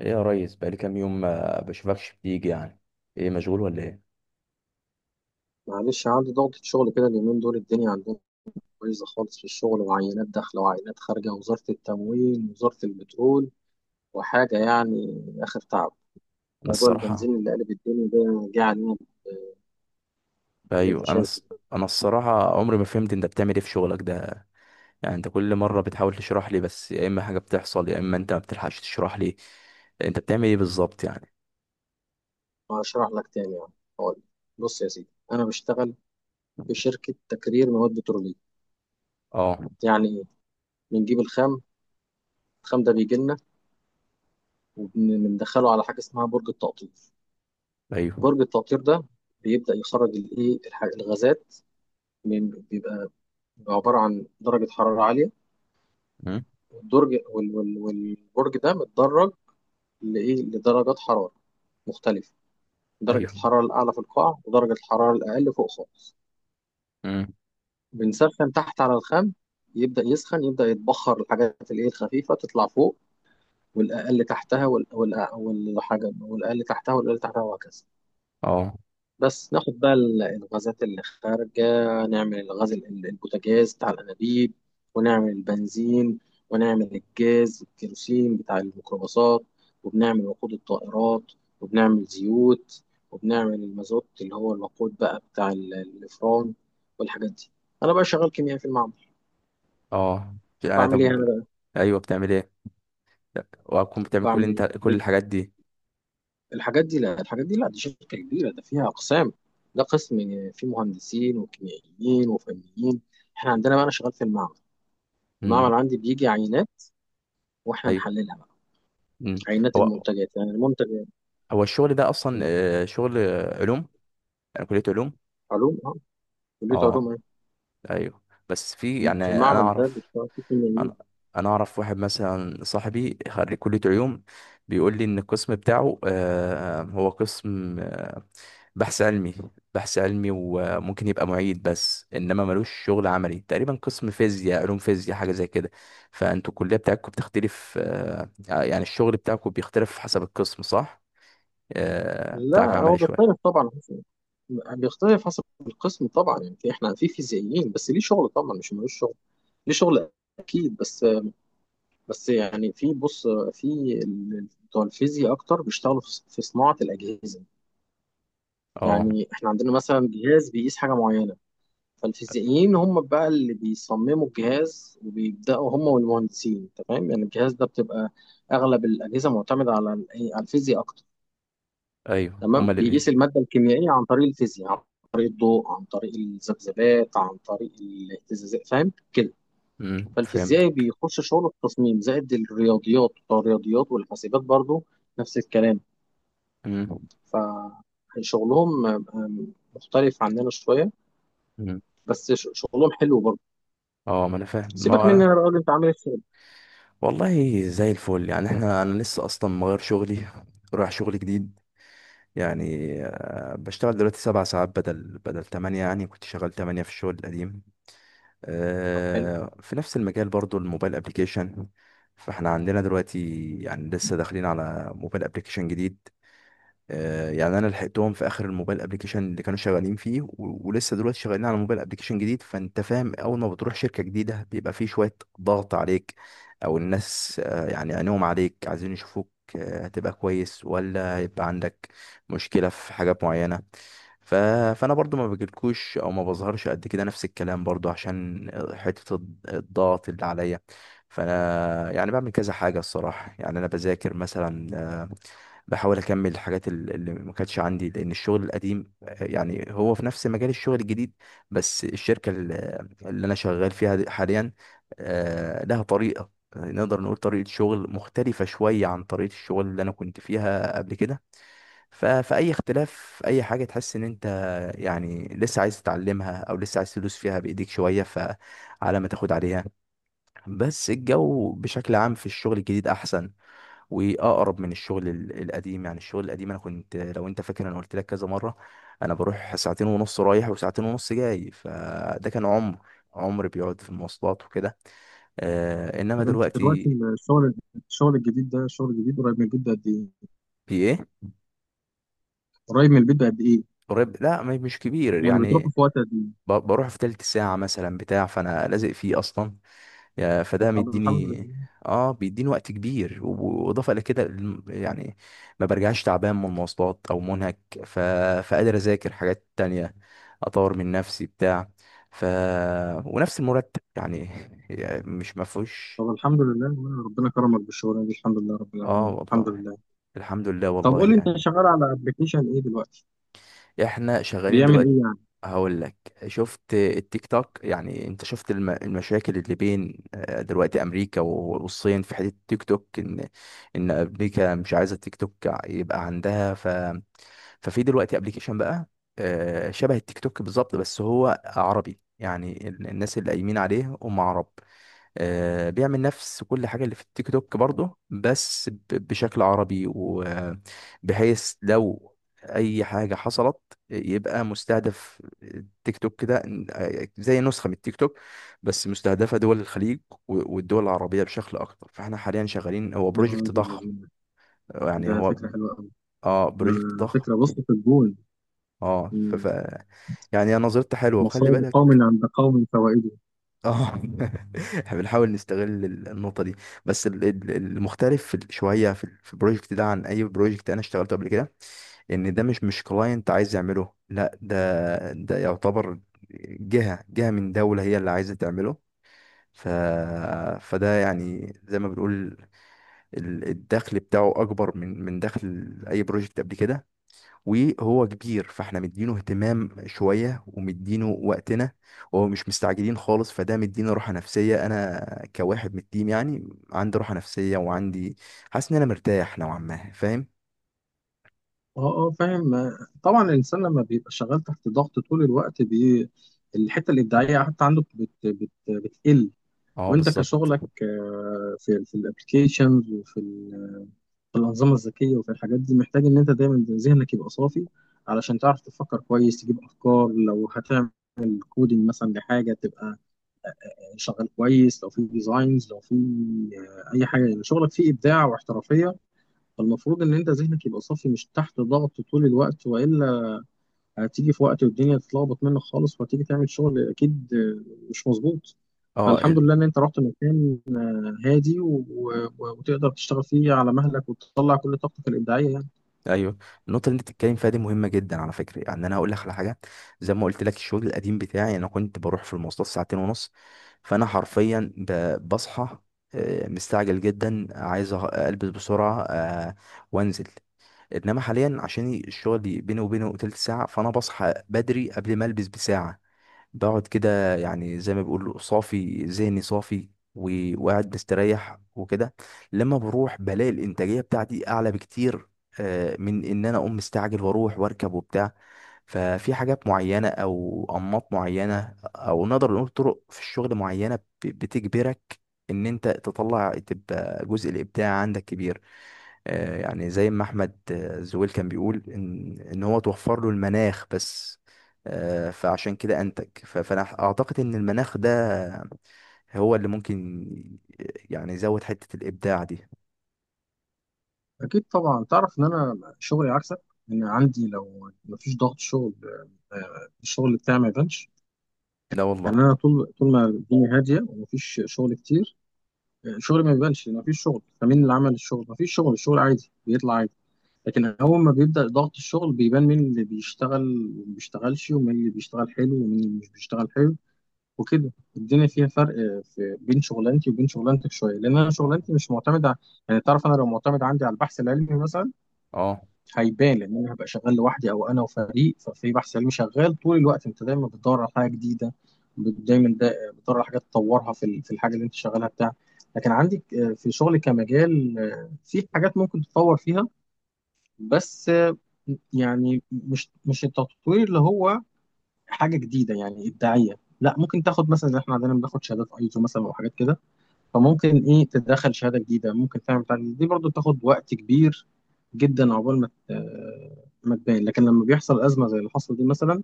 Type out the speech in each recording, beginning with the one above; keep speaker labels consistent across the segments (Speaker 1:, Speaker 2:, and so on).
Speaker 1: ايه يا ريس، بقالي كام يوم ما بشوفكش بتيجي يعني؟ ايه، مشغول ولا ايه؟
Speaker 2: معلش، عندي ضغطة شغل كده اليومين دول. الدنيا عندنا بايظة خالص في الشغل، وعينات داخلة وعينات خارجة، وزارة التموين، وزارة البترول، وحاجة يعني آخر تعب.
Speaker 1: انا
Speaker 2: موضوع
Speaker 1: الصراحه.
Speaker 2: البنزين اللي قلب الدنيا ده جه علينا باللي أنت
Speaker 1: ايوه انا
Speaker 2: شايفه.
Speaker 1: الص- انا الصراحه عمري ما فهمت انت بتعمل ايه في شغلك ده يعني. انت كل مره بتحاول تشرح لي، بس يا اما حاجه بتحصل يا اما انت ما بتلحقش تشرح لي. انت بتعمل ايه بالظبط يعني؟
Speaker 2: ده هشرح لك تاني، يعني هقول لك. بص يا سيدي، أنا بشتغل في شركة تكرير مواد بترولية.
Speaker 1: اه.
Speaker 2: يعني إيه؟ بنجيب الخام. الخام ده بيجي لنا وبندخله على حاجة اسمها برج التقطير.
Speaker 1: ايوه.
Speaker 2: برج التقطير ده بيبدأ يخرج الإيه الغازات، من بيبقى عبارة عن درجة حرارة عالية.
Speaker 1: امم.
Speaker 2: والبرج ده متدرج لإيه، لدرجات حرارة مختلفة. درجة
Speaker 1: ايوه.
Speaker 2: الحرارة الأعلى في القاع، ودرجة الحرارة الأقل فوق خالص.
Speaker 1: امم.
Speaker 2: بنسخن تحت على الخام، يبدأ يسخن، يبدأ يتبخر الحاجات الإيه الخفيفة تطلع فوق، والأقل تحتها والحاجة، والأقل تحتها، والأقل تحتها، وهكذا.
Speaker 1: اه.
Speaker 2: بس ناخد بقى الغازات اللي خارجة، نعمل الغاز البوتاجاز بتاع الأنابيب، ونعمل البنزين، ونعمل الجاز الكيروسين بتاع الميكروباصات، وبنعمل وقود الطائرات، وبنعمل زيوت، وبنعمل المازوت اللي هو الوقود بقى بتاع الإفران والحاجات دي. أنا بقى شغال كيميائي في المعمل.
Speaker 1: اه. يعني
Speaker 2: بعمل إيه أنا
Speaker 1: طب.
Speaker 2: بقى؟
Speaker 1: ايوه، بتعمل ايه؟ لا، وهتكون بتعمل كل،
Speaker 2: بعمل إيه
Speaker 1: انت كل الحاجات دي؟
Speaker 2: الحاجات دي لا، الحاجات دي لا، دي شركة كبيرة، ده فيها أقسام. ده قسم فيه مهندسين وكيميائيين وفنيين. احنا عندنا بقى، انا شغال في المعمل. المعمل
Speaker 1: امم.
Speaker 2: عندي بيجي عينات، واحنا
Speaker 1: ايوه.
Speaker 2: نحللها بقى،
Speaker 1: امم.
Speaker 2: عينات
Speaker 1: هو
Speaker 2: المنتجات، يعني المنتج.
Speaker 1: هو الشغل ده اصلا
Speaker 2: م.
Speaker 1: شغل علوم؟ يعني كليه علوم؟
Speaker 2: علوم، اه. كلية علوم،
Speaker 1: اه.
Speaker 2: ايه.
Speaker 1: ايوه. بس في، يعني انا
Speaker 2: المعمل ده
Speaker 1: اعرف.
Speaker 2: بيشتغل فيه
Speaker 1: انا
Speaker 2: كيميائيين.
Speaker 1: انا اعرف واحد مثلا، صاحبي خريج كلية علوم، بيقول لي ان القسم بتاعه هو قسم بحث علمي. بحث علمي وممكن يبقى معيد، بس انما ملوش شغل عملي تقريبا، قسم فيزياء، علوم فيزياء، حاجة زي كده. فانتوا الكلية بتاعتكم بتختلف، يعني الشغل بتاعكم بيختلف حسب القسم صح؟ بتاعك
Speaker 2: لا، هو
Speaker 1: عملي
Speaker 2: بيختلف
Speaker 1: شوية.
Speaker 2: طبعا بيختلف حسب القسم طبعا. يعني احنا في فيزيائيين، بس ليه شغل طبعا، مش ملوش شغل. ليه شغل اكيد، بس يعني، بص، في بتوع الفيزياء اكتر بيشتغلوا في صناعة الاجهزة.
Speaker 1: اه.
Speaker 2: يعني احنا عندنا مثلا جهاز بيقيس حاجة معينة، فالفيزيائيين هم بقى اللي بيصمموا الجهاز، وبيبدأوا هم والمهندسين، انت فاهم يعني. الجهاز ده بتبقى اغلب الاجهزه معتمده على إيه؟ على الفيزياء اكتر.
Speaker 1: ايوه،
Speaker 2: تمام،
Speaker 1: هما اللي بي.
Speaker 2: بيقيس الماده الكيميائيه عن طريق الفيزياء، عن طريق الضوء، عن طريق الذبذبات، عن طريق الاهتزازات، فاهم كده.
Speaker 1: مم، فهمت.
Speaker 2: فالفيزيائي بيخش شغل التصميم، زائد الرياضيات، بتوع الرياضيات والحاسبات برضو، نفس الكلام.
Speaker 1: مم.
Speaker 2: فشغلهم مختلف عننا شويه.
Speaker 1: مم.
Speaker 2: بس شغلهم حلو برضو.
Speaker 1: اه ما انا فاهم، ما
Speaker 2: سيبك
Speaker 1: هو
Speaker 2: مني،
Speaker 1: انا.
Speaker 2: انا بقول انت عامل ايه في شغلك؟
Speaker 1: والله زي الفل يعني. احنا، انا لسه اصلا مغير شغلي، رايح شغل جديد. يعني بشتغل دلوقتي سبع ساعات بدل تمانية، يعني كنت شغال تمانية في الشغل القديم.
Speaker 2: طب حلو.
Speaker 1: في نفس المجال برضو، الموبايل ابليكيشن. فاحنا عندنا دلوقتي، يعني لسه داخلين على موبايل ابليكيشن جديد. يعني انا لحقتهم في اخر الموبايل ابلكيشن اللي كانوا شغالين فيه، ولسه دلوقتي شغالين على موبايل ابلكيشن جديد. فانت فاهم، اول ما بتروح شركة جديدة بيبقى فيه شوية ضغط عليك، او الناس يعني عينيهم عليك، عايزين يشوفوك هتبقى كويس ولا هيبقى عندك مشكلة في حاجات معينة. ف... فانا برضو ما بجيلكوش او ما بظهرش قد كده، نفس الكلام برضو، عشان حتة الضغط اللي عليا. فانا يعني بعمل كذا حاجة الصراحة. يعني انا بذاكر مثلا، آه، بحاول اكمل الحاجات اللي ما كانتش عندي، لان الشغل القديم يعني هو في نفس مجال الشغل الجديد، بس الشركه اللي انا شغال فيها حاليا لها طريقه نقدر نقول طريقه شغل مختلفه شويه عن طريقه الشغل اللي انا كنت فيها قبل كده. فاي اختلاف، اي حاجه تحس ان انت يعني لسه عايز تتعلمها او لسه عايز تدوس فيها بايديك شويه، فعلى ما تاخد عليها. بس الجو بشكل عام في الشغل الجديد احسن واقرب من الشغل القديم. يعني الشغل القديم انا كنت، لو انت فاكر انا قلت لك كذا مره، انا بروح ساعتين ونص رايح وساعتين ونص جاي، فده كان عمر، عمر بيقعد في المواصلات وكده. آه، انما
Speaker 2: طب انت دلوقتي
Speaker 1: دلوقتي
Speaker 2: الشغل الجديد ده، الشغل الجديد قريب من البيت بقد ايه؟
Speaker 1: في ايه؟
Speaker 2: قريب من البيت بقد ايه؟
Speaker 1: قريب، لا مش كبير
Speaker 2: يعني بتروحوا
Speaker 1: يعني.
Speaker 2: في وقت قد ايه؟
Speaker 1: بروح في تلت ساعه مثلا بتاع، فانا لازق فيه اصلا. فده
Speaker 2: طب الحمد
Speaker 1: مديني،
Speaker 2: لله.
Speaker 1: اه بيديني وقت كبير، واضافه الى كده يعني ما برجعش تعبان من المواصلات او منهك. ف... فقادر اذاكر حاجات تانية، اطور من نفسي بتاع. ف. ونفس المرتب يعني يعني مش مفهوش.
Speaker 2: طب الحمد لله، وانا ربنا كرمك بالشغلانه دي، الحمد لله رب
Speaker 1: اه
Speaker 2: العالمين، الحمد
Speaker 1: والله،
Speaker 2: لله.
Speaker 1: الحمد لله
Speaker 2: طب
Speaker 1: والله
Speaker 2: قول لي، انت
Speaker 1: يعني.
Speaker 2: شغال على ابلكيشن ايه دلوقتي؟
Speaker 1: احنا شغالين
Speaker 2: بيعمل ايه
Speaker 1: دلوقتي.
Speaker 2: يعني؟
Speaker 1: هقول لك، شفت التيك توك؟ يعني انت شفت المشاكل اللي بين دلوقتي امريكا والصين في حته التيك توك، ان امريكا مش عايزه التيك توك يبقى عندها. ف. ففي دلوقتي ابلكيشن بقى شبه التيك توك بالظبط، بس هو عربي، يعني الناس اللي قايمين عليه هم عرب. بيعمل نفس كل حاجة اللي في التيك توك برضه، بس بشكل عربي، وبحيث لو أي حاجة حصلت يبقى مستهدف التيك توك كده. زي نسخة من التيك توك، بس مستهدفة دول الخليج والدول العربية بشكل أكتر. فاحنا حاليا شغالين، هو
Speaker 2: يا
Speaker 1: بروجكت
Speaker 2: راجل
Speaker 1: ضخم،
Speaker 2: الذين،
Speaker 1: يعني
Speaker 2: ده
Speaker 1: هو،
Speaker 2: فكره حلوه قوي.
Speaker 1: اه
Speaker 2: ده
Speaker 1: بروجكت ضخم.
Speaker 2: فكره، بص، في الجون.
Speaker 1: اه.
Speaker 2: مم.
Speaker 1: يعني هي نظرتي حلوة، وخلي
Speaker 2: مصائب
Speaker 1: بالك.
Speaker 2: قوم عند قوم فوائده.
Speaker 1: اه. احنا بنحاول نستغل النقطة دي. بس المختلف في شوية في في البروجكت ده عن أي بروجكت أنا اشتغلته قبل كده، إن ده مش كلاينت عايز يعمله، لا ده، ده يعتبر جهة من دولة هي اللي عايزة تعمله. ف. فده يعني زي ما بنقول، الدخل بتاعه أكبر من دخل أي بروجكت قبل كده، وهو كبير، فاحنا مدينه اهتمام شوية ومدينه وقتنا، وهو مش مستعجلين خالص، فده مدينا راحة نفسية. انا كواحد من التيم يعني عندي راحة نفسية، وعندي، حاسس ان انا مرتاح نوعا ما، فاهم.
Speaker 2: اه، اه، فاهم طبعا. الانسان لما بيبقى شغال تحت ضغط طول الوقت الحته الابداعيه حتى عنده بتقل.
Speaker 1: اه
Speaker 2: وانت
Speaker 1: بالظبط.
Speaker 2: كشغلك، في الابلكيشنز، في الانظمه الذكيه وفي الحاجات دي، محتاج ان انت دايما ذهنك يبقى صافي، علشان تعرف تفكر كويس، تجيب افكار. لو هتعمل كودينج مثلا لحاجه، تبقى شغال كويس. لو في ديزاينز، لو في اي حاجه، يعني شغلك فيه ابداع واحترافيه. فالمفروض ان انت ذهنك يبقى صافي، مش تحت ضغط طول الوقت، والا هتيجي في وقت والدنيا تتلخبط منك خالص، وهتيجي تعمل شغل اكيد مش مظبوط.
Speaker 1: اه
Speaker 2: فالحمد لله ان انت رحت مكان هادي وتقدر تشتغل فيه على مهلك، وتطلع كل طاقتك الابداعيه يعني.
Speaker 1: ايوه. النقطة اللي انت بتتكلم فيها دي مهمة جدا على فكرة. يعني انا هقول لك على حاجة، زي ما قلت لك الشغل القديم بتاعي انا كنت بروح في المواصلات ساعتين ونص، فانا حرفيا بصحى مستعجل جدا، عايز البس بسرعة وانزل. انما حاليا عشان الشغل بيني وبينه تلت ساعه، فانا بصحى بدري قبل ما البس بساعه، بقعد كده يعني زي ما بيقولوا صافي، ذهني صافي، وقاعد مستريح وكده. لما بروح بلاقي الانتاجيه بتاعتي اعلى بكتير من ان انا اقوم مستعجل واروح واركب وبتاع. ففي حاجات معينه او انماط معينه او نقدر نقول طرق في الشغل معينه بتجبرك ان انت تطلع، تبقى جزء الابداع عندك كبير. يعني زي ما احمد زويل كان بيقول ان هو توفر له المناخ بس فعشان كده انتج. فانا اعتقد ان المناخ ده هو اللي ممكن يعني يزود حتة الابداع دي.
Speaker 2: اكيد طبعا. تعرف ان انا شغلي عكسك، ان عندي لو مفيش ضغط شغل الشغل بتاعي ما يبانش.
Speaker 1: لا
Speaker 2: يعني
Speaker 1: والله.
Speaker 2: انا طول ما الدنيا هاديه ومفيش شغل كتير، شغلي ما يبانش. مفيش شغل، فمين اللي عمل الشغل؟ مفيش شغل، الشغل عادي بيطلع عادي. لكن أول ما بيبدأ ضغط الشغل بيبان مين اللي بيشتغل وما بيشتغلش، ومين اللي بيشتغل حلو ومين اللي مش بيشتغل حلو، وكده. الدنيا فيها فرق في بين شغلانتي وبين شغلانتك شوية، لأن أنا
Speaker 1: اه.
Speaker 2: شغلانتي مش معتمدة يعني، تعرف أنا لو معتمد عندي على البحث العلمي مثلا،
Speaker 1: اه.
Speaker 2: هيبان، لأن أنا هبقى شغال لوحدي أو أنا وفريق. ففي بحث علمي شغال طول الوقت، أنت دايما بتدور على حاجة جديدة، دايما دا بتدور على حاجات تطورها في في الحاجة اللي أنت شغالها بتاع. لكن عندك، في شغلي كمجال، في حاجات ممكن تتطور فيها، بس يعني مش التطوير اللي هو حاجه جديده يعني ابداعيه، لا. ممكن تاخد مثلا، زي احنا عندنا بناخد شهادات ايزو مثلا، او حاجات كده. فممكن ايه تدخل شهاده جديده، ممكن تعمل بتاع جديد. دي برضو تاخد وقت كبير جدا عقبال ما تبان. لكن لما بيحصل ازمه زي اللي حصل دي مثلا،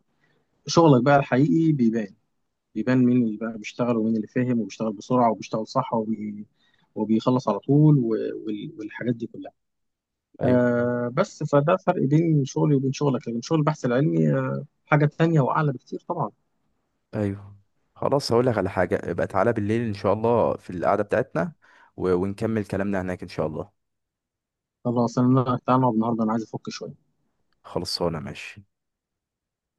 Speaker 2: شغلك بقى الحقيقي بيبان. بيبان مين اللي بقى بيشتغل، ومين اللي فاهم وبيشتغل بسرعه وبيشتغل صح وبيخلص على طول، والحاجات دي كلها.
Speaker 1: ايوه.
Speaker 2: آه، بس فده فرق بين شغلي وبين شغلك، لكن شغل البحث العلمي آه، حاجة تانية وأعلى بكتير طبعا.
Speaker 1: ايوه، خلاص هقول لك على حاجة، يبقى تعالى بالليل ان شاء الله في القعدة بتاعتنا، ونكمل كلامنا هناك ان شاء الله.
Speaker 2: خلاص، أنا تعالى نقعد النهاردة، أنا عايز أفك شوية.
Speaker 1: خلصانة ماشي.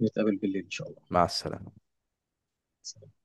Speaker 2: نتقابل بالليل إن شاء
Speaker 1: مع السلامة.
Speaker 2: الله.